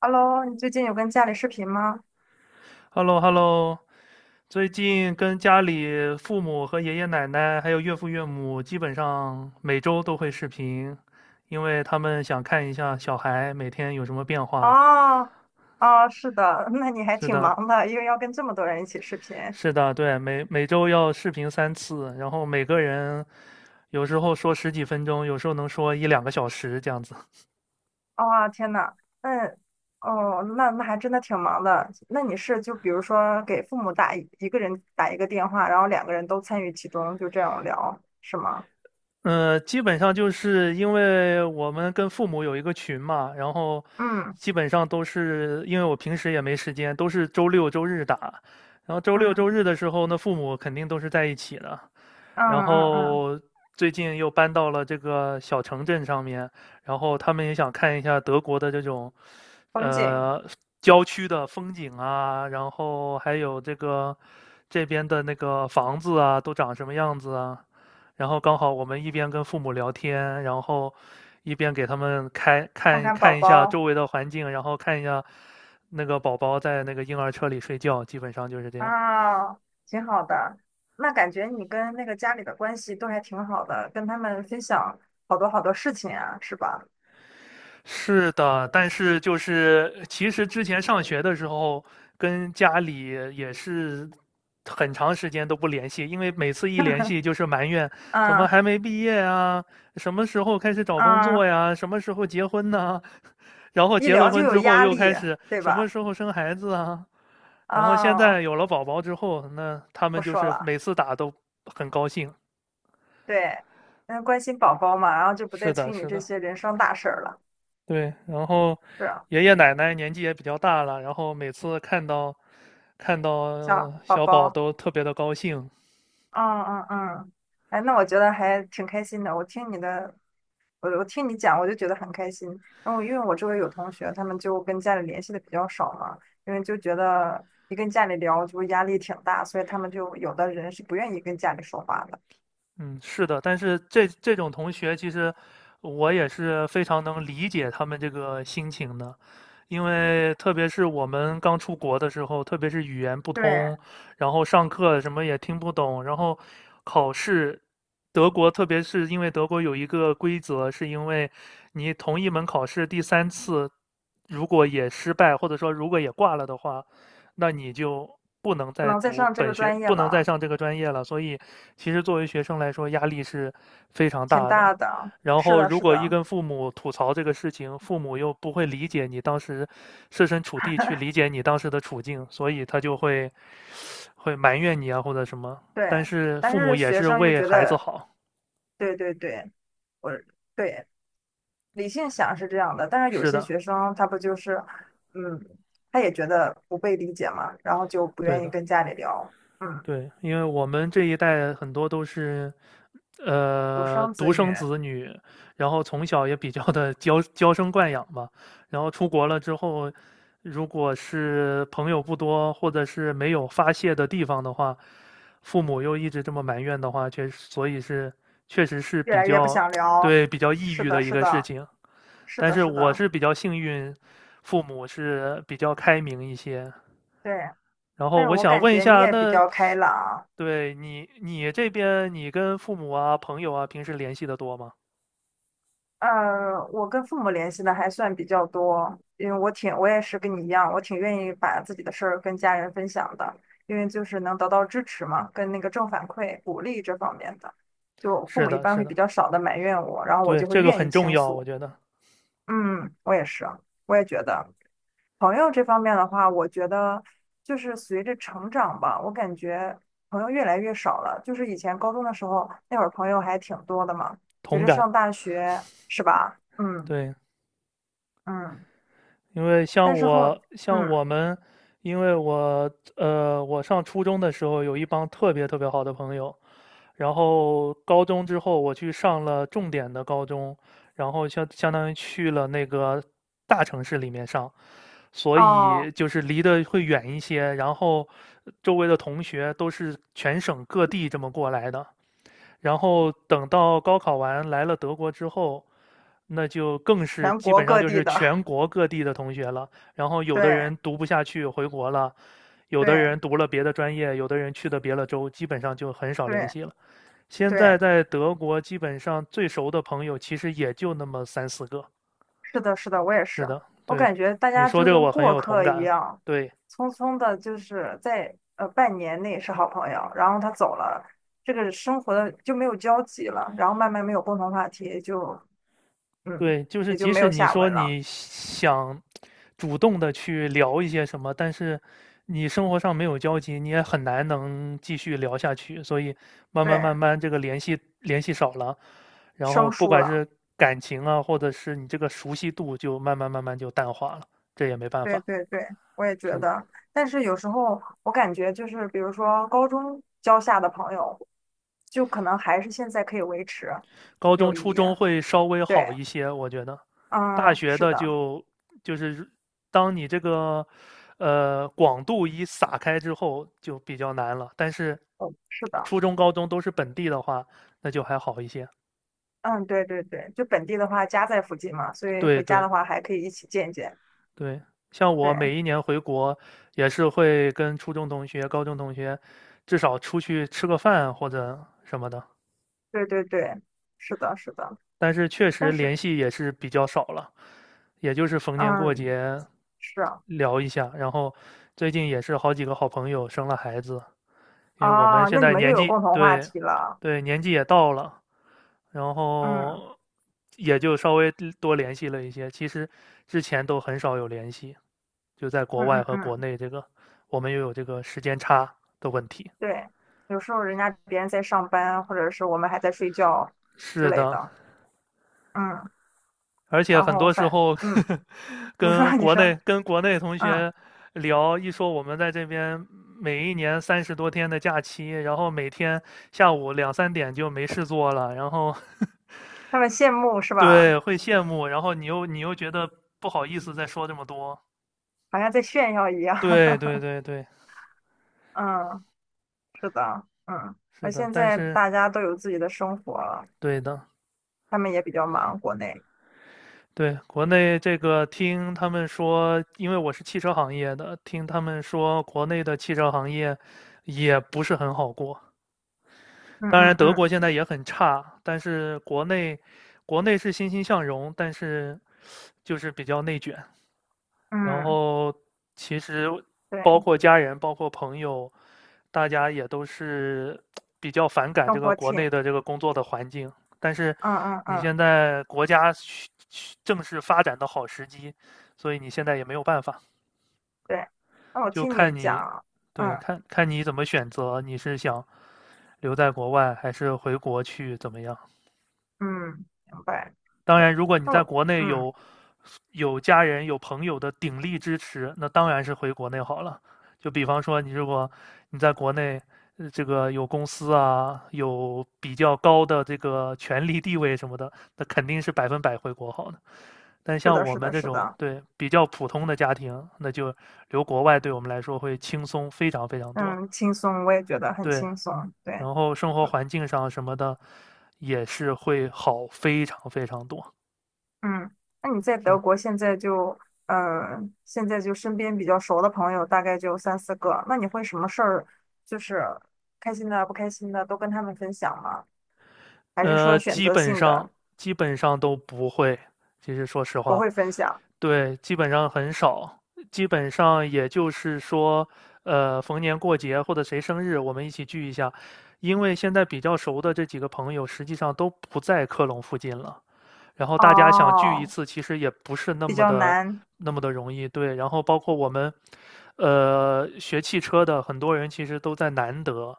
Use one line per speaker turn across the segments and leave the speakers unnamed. Hello，你最近有跟家里视频吗？
hello hello 最近跟家里父母和爷爷奶奶还有岳父岳母，基本上每周都会视频，因为他们想看一下小孩每天有什么变化。
哦哦，是的，那你还
是
挺
的，
忙的，因为要跟这么多人一起视频。
是的，对，每周要视频三次，然后每个人有时候说十几分钟，有时候能说一两个小时这样子。
哇、天呐，嗯，哦，那还真的挺忙的。那你是就比如说给父母一个人打一个电话，然后两个人都参与其中，就这样聊，是吗？
嗯，基本上就是因为我们跟父母有一个群嘛，然后
嗯
基本上都是因为我平时也没时间，都是周六周日打。然后周六周
嗯
日的时候那父母肯定都是在一起的。
嗯
然
嗯嗯，
后最近又搬到了这个小城镇上面，然后他们也想看一下德国的这种，
风景，
呃，郊区的风景啊，然后还有这个这边的那个房子啊，都长什么样子啊。然后刚好我们一边跟父母聊天，然后一边给他们开
看
看
看宝
看一下
宝。
周围的环境，然后看一下那个宝宝在那个婴儿车里睡觉，基本上就是这样。
啊，挺好的。那感觉你跟那个家里的关系都还挺好的，跟他们分享好多好多事情啊，是吧？
是的，但是就是其实之前上学的时候，跟家里也是很长时间都不联系，因为每次一联系就是埋怨怎么
嗯
还没毕业啊，什么时候开始找工
嗯，
作呀，什么时候结婚呢？然后
一
结了
聊就
婚
有
之后
压
又开
力，
始
对
什么
吧？
时候生孩子啊，然后现
哦，
在有了宝宝之后，那他
不
们就
说
是
了，
每次打都很高兴。
对，嗯，关心宝宝嘛，然后就不
是
再
的，
催你
是
这
的。
些人生大事儿了，
对，然后
是啊，
爷爷奶奶年纪也比较大了，然后每次看到
小宝
小宝
宝，
都特别的高兴，
嗯嗯嗯，哎，那我觉得还挺开心的，我听你讲，我就觉得很开心。然后因为我周围有同学，他们就跟家里联系的比较少嘛，因为就觉得一跟家里聊就压力挺大，所以他们就有的人是不愿意跟家里说话的。
嗯，是的，但是这种同学，其实我也是非常能理解他们这个心情的，因为特别是我们刚出国的时候，特别是语言不
对，
通，然后上课什么也听不懂，然后考试，德国特别是因为德国有一个规则，是因为你同一门考试第三次如果也失败，或者说如果也挂了的话，那你就不能
不
再
能再
读
上这
本
个
学，
专业
不能再
了，
上这个专业了。所以，其实作为学生来说，压力是非常
挺
大的。
大的。
然
是
后，
的，
如
是
果一
的，
跟父母吐槽这个事情，父母又不会理解你当时设身处地去理解你当时的处境，所以他就会埋怨你啊或者什么。但
对。
是
但
父母
是
也
学
是
生又
为
觉
孩子
得，
好，
对对对，我对，理性想是这样的，但是有
是
些
的，
学生他不就是，嗯，他也觉得不被理解嘛，然后就不
对
愿意
的。
跟家里聊，嗯。
对，因为我们这一代很多都是，
独生子
独
女，
生子女，然后从小也比较的娇生惯养吧，然后出国了之后，如果是朋友不多，或者是没有发泄的地方的话，父母又一直这么埋怨的话，确实，所以是确实是
越
比
来越不
较
想 聊。
对，比较抑
是
郁
的，
的一
是
个事
的，
情。
是
但
的，
是
是
我
的，
是比较幸运，父母是比较开明一些。
对。
然后
但是
我
我
想
感
问一
觉你
下，
也比
那
较开朗。
对，你这边你跟父母啊、朋友啊，平时联系的多吗？
我跟父母联系的还算比较多，因为我也是跟你一样，我挺愿意把自己的事儿跟家人分享的，因为就是能得到支持嘛，跟那个正反馈、鼓励这方面的，就父
是
母一
的，
般
是
会
的，
比较少的埋怨我，然后我
对，
就会
这个
愿意
很重
倾
要，我
诉。
觉得
嗯，我也是，我也觉得。朋友这方面的话，我觉得就是随着成长吧，我感觉朋友越来越少了。就是以前高中的时候，那会儿朋友还挺多的嘛。随
同
着
感，
上大学，是吧？嗯
对。
嗯，
因为像
但是后
我像
嗯
我们，因为我上初中的时候有一帮特别特别好的朋友，然后高中之后我去上了重点的高中，然后相当于去了那个大城市里面上，所以
哦，
就是离得会远一些，然后周围的同学都是全省各地这么过来的，然后等到高考完来了德国之后，那就更是
全
基
国
本上
各
就
地
是
的，
全国各地的同学了。然后 有的
对
人读不下去回国了，有的
对
人读了别的专业，有的人去的别的州，基本上就很少联
对
系了。现
对，
在在德国，基本上最熟的朋友其实也就那么三四个。
是的，是的，我也
是
是。
的，
我
对，
感觉大
你
家
说
就
这个
跟
我很
过
有同
客一
感。
样，
对。
匆匆的，就是在半年内是好朋友，然后他走了，这个生活的就没有交集了，然后慢慢没有共同话题，嗯
对，就是
也就
即
没
使
有
你
下
说
文了，
你想主动的去聊一些什么，但是你生活上没有交集，你也很难能继续聊下去。所以慢
对，
慢慢慢，这个联系少了，然后
生
不
疏
管
了，
是感情啊，或者是你这个熟悉度，就慢慢慢慢就淡化了。这也没办
对
法，
对对，我也
是
觉
的。
得。但是有时候我感觉就是，比如说高中交下的朋友，就可能还是现在可以维持
高中、
友谊，
初中会稍微好
对，
一些，我觉得。大
嗯，
学
是
的
的，
就就是当你这个广度一撒开之后，就比较难了。但是
哦，是的。
初中、高中都是本地的话，那就还好一些。
嗯，对对对，就本地的话家在附近嘛，所以
对
回家
对
的话还可以一起见一见。
对，像我每
对
一年回国，也是会跟初中同学、高中同学，至少出去吃个饭或者什么的。
对对对，是的，是的。
但是确实
但是，
联系也是比较少了，也就是逢年过
嗯，
节
是啊，
聊一下。然后最近也是好几个好朋友生了孩子，因为我们
哦，
现
那你
在
们又
年
有
纪，
共同话
对
题了。
对，年纪也到了，然
嗯
后也就稍微多联系了一些。其实之前都很少有联系，就在国
嗯
外
嗯
和国
嗯，
内这个我们又有这个时间差的问题。
对，有时候人家别人在上班，或者是我们还在睡觉之
是
类
的，
的。嗯，
而且
然
很
后
多时
反，
候
嗯，你说
跟
你
国
说，
内跟国内同
嗯，
学聊，一说我们在这边每一年30多天的假期，然后每天下午两三点就没事做了，然后
他们羡慕是吧？
对，会羡慕，然后你又觉得不好意思再说这么多。
好像在炫耀一样。
对 对对对，
嗯，是的，嗯。
是
而
的，
现
但
在
是
大家都有自己的生活了。
对的，
他们也比较忙，国内。
对，国内这个听他们说，因为我是汽车行业的，听他们说国内的汽车行业也不是很好过。
嗯
当然，
嗯
德国
嗯
现在也很差，但是国内是欣欣向荣，但是就是比较内卷。然
嗯，
后其实包
对，
括家人，包括朋友，大家也都是比较反感这
生
个
活
国内
挺，
的这个工作的环境。但是
嗯嗯
你
嗯，
现在国家正是发展的好时机，所以你现在也没有办法，
对。那我
就
听你
看你，
讲，
对，
嗯
看看你怎么选择，你是想留在国外还是回国去怎么样？
嗯，明白。
当
对，
然，如果你
那
在
我，
国内
嗯，
有家人、有朋友的鼎力支持，那当然是回国内好了。就比方说，你如果你在国内，这个有公司啊，有比较高的这个权力地位什么的，那肯定是百分百回国好的。但
是
像
的，
我
是
们
的，
这
是
种
的，
对比较普通的家庭，那就留国外对我们来说会轻松非常非常多。
嗯，轻松，我也觉得很
对，
轻松。对，
然后生活环境上什么的，也是会好非常非常多，
嗯，那你在德
真
国现在就，嗯，现在就身边比较熟的朋友大概就三四个，那你会什么事儿，就是开心的、不开心的都跟他们分享吗？还是
呃，
说选
基
择
本
性
上
的
基本上都不会。其实说实
不
话，
会分享？
对，基本上很少，基本上也就是说，逢年过节或者谁生日，我们一起聚一下。因为现在比较熟的这几个朋友，实际上都不在科隆附近了。然后大家想聚一
哦，
次，其实也不是那
比
么
较
的
难。
那么的容易。对，然后包括我们，学汽车的很多人其实都在南德。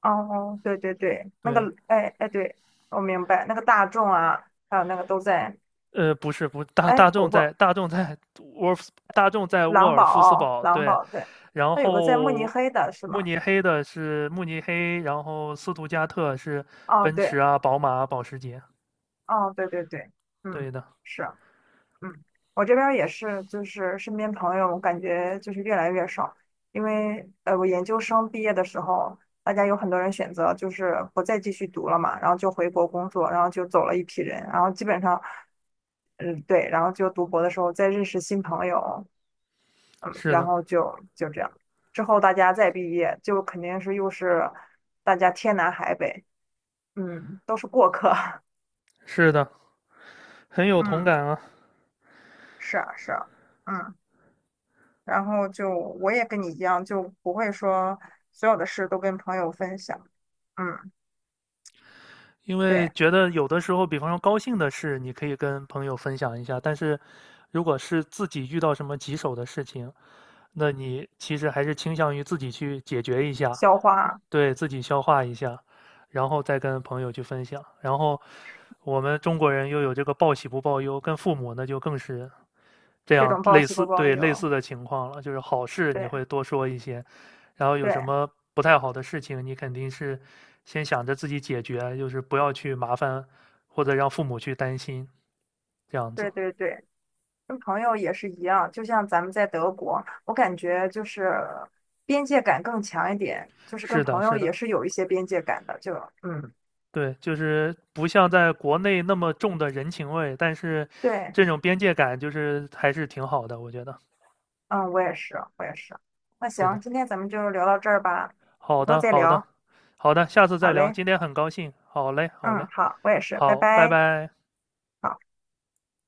哦，对对对，那
对，
个，哎哎，对，我明白，那个大众啊，还有那个都在，
不是，不，
哎，不不，
沃尔夫大众在沃
狼
尔夫斯
堡，
堡，
狼
对，
堡，对，
然
那有个在慕尼
后
黑的是
慕
吗？
尼黑的是慕尼黑，然后斯图加特是
哦，
奔
对，
驰啊、宝马啊保时捷，
哦，对对对，
对
嗯，
的，
是。嗯，我这边儿也是，就是身边朋友，我感觉就是越来越少，因为我研究生毕业的时候，大家有很多人选择就是不再继续读了嘛，然后就回国工作，然后就走了一批人，然后基本上，嗯，对，然后就读博的时候再认识新朋友，嗯，
是
然
的，
后就这样，之后大家再毕业，就肯定是又是大家天南海北，嗯，都是过客，
是的，很 有同
嗯，
感啊，
是啊，是啊，嗯。然后就我也跟你一样，就不会说所有的事都跟朋友分享。嗯，
因为
对，
觉得有的时候，比方说高兴的事，你可以跟朋友分享一下，但是如果是自己遇到什么棘手的事情，那你其实还是倾向于自己去解决一下，
消化
对，自己消化一下，然后再跟朋友去分享。然后我们中国人又有这个报喜不报忧，跟父母那就更是这
这
样
种报
类
喜
似，
不报
对，类
忧。
似的情况了。就是好事你会
对
多说一些，然后有什
对
么不太好的事情，你肯定是先想着自己解决，就是不要去麻烦或者让父母去担心，这样子。
对对对，跟朋友也是一样。就像咱们在德国，我感觉就是边界感更强一点，就是跟
是的，
朋友
是
也
的。
是有一些边界感的。嗯，
对，就是不像在国内那么重的人情味，但是
对，
这种边界感就是还是挺好的，我觉得
嗯，我也是，我也是。那
是的。
行，今天咱们就聊到这儿吧，
好
以后
的，
再
好的，
聊。
好的，下次
好
再聊。
嘞，
今天很高兴，好嘞，好嘞，
嗯，好，我也是，拜
好，拜
拜。
拜。
好。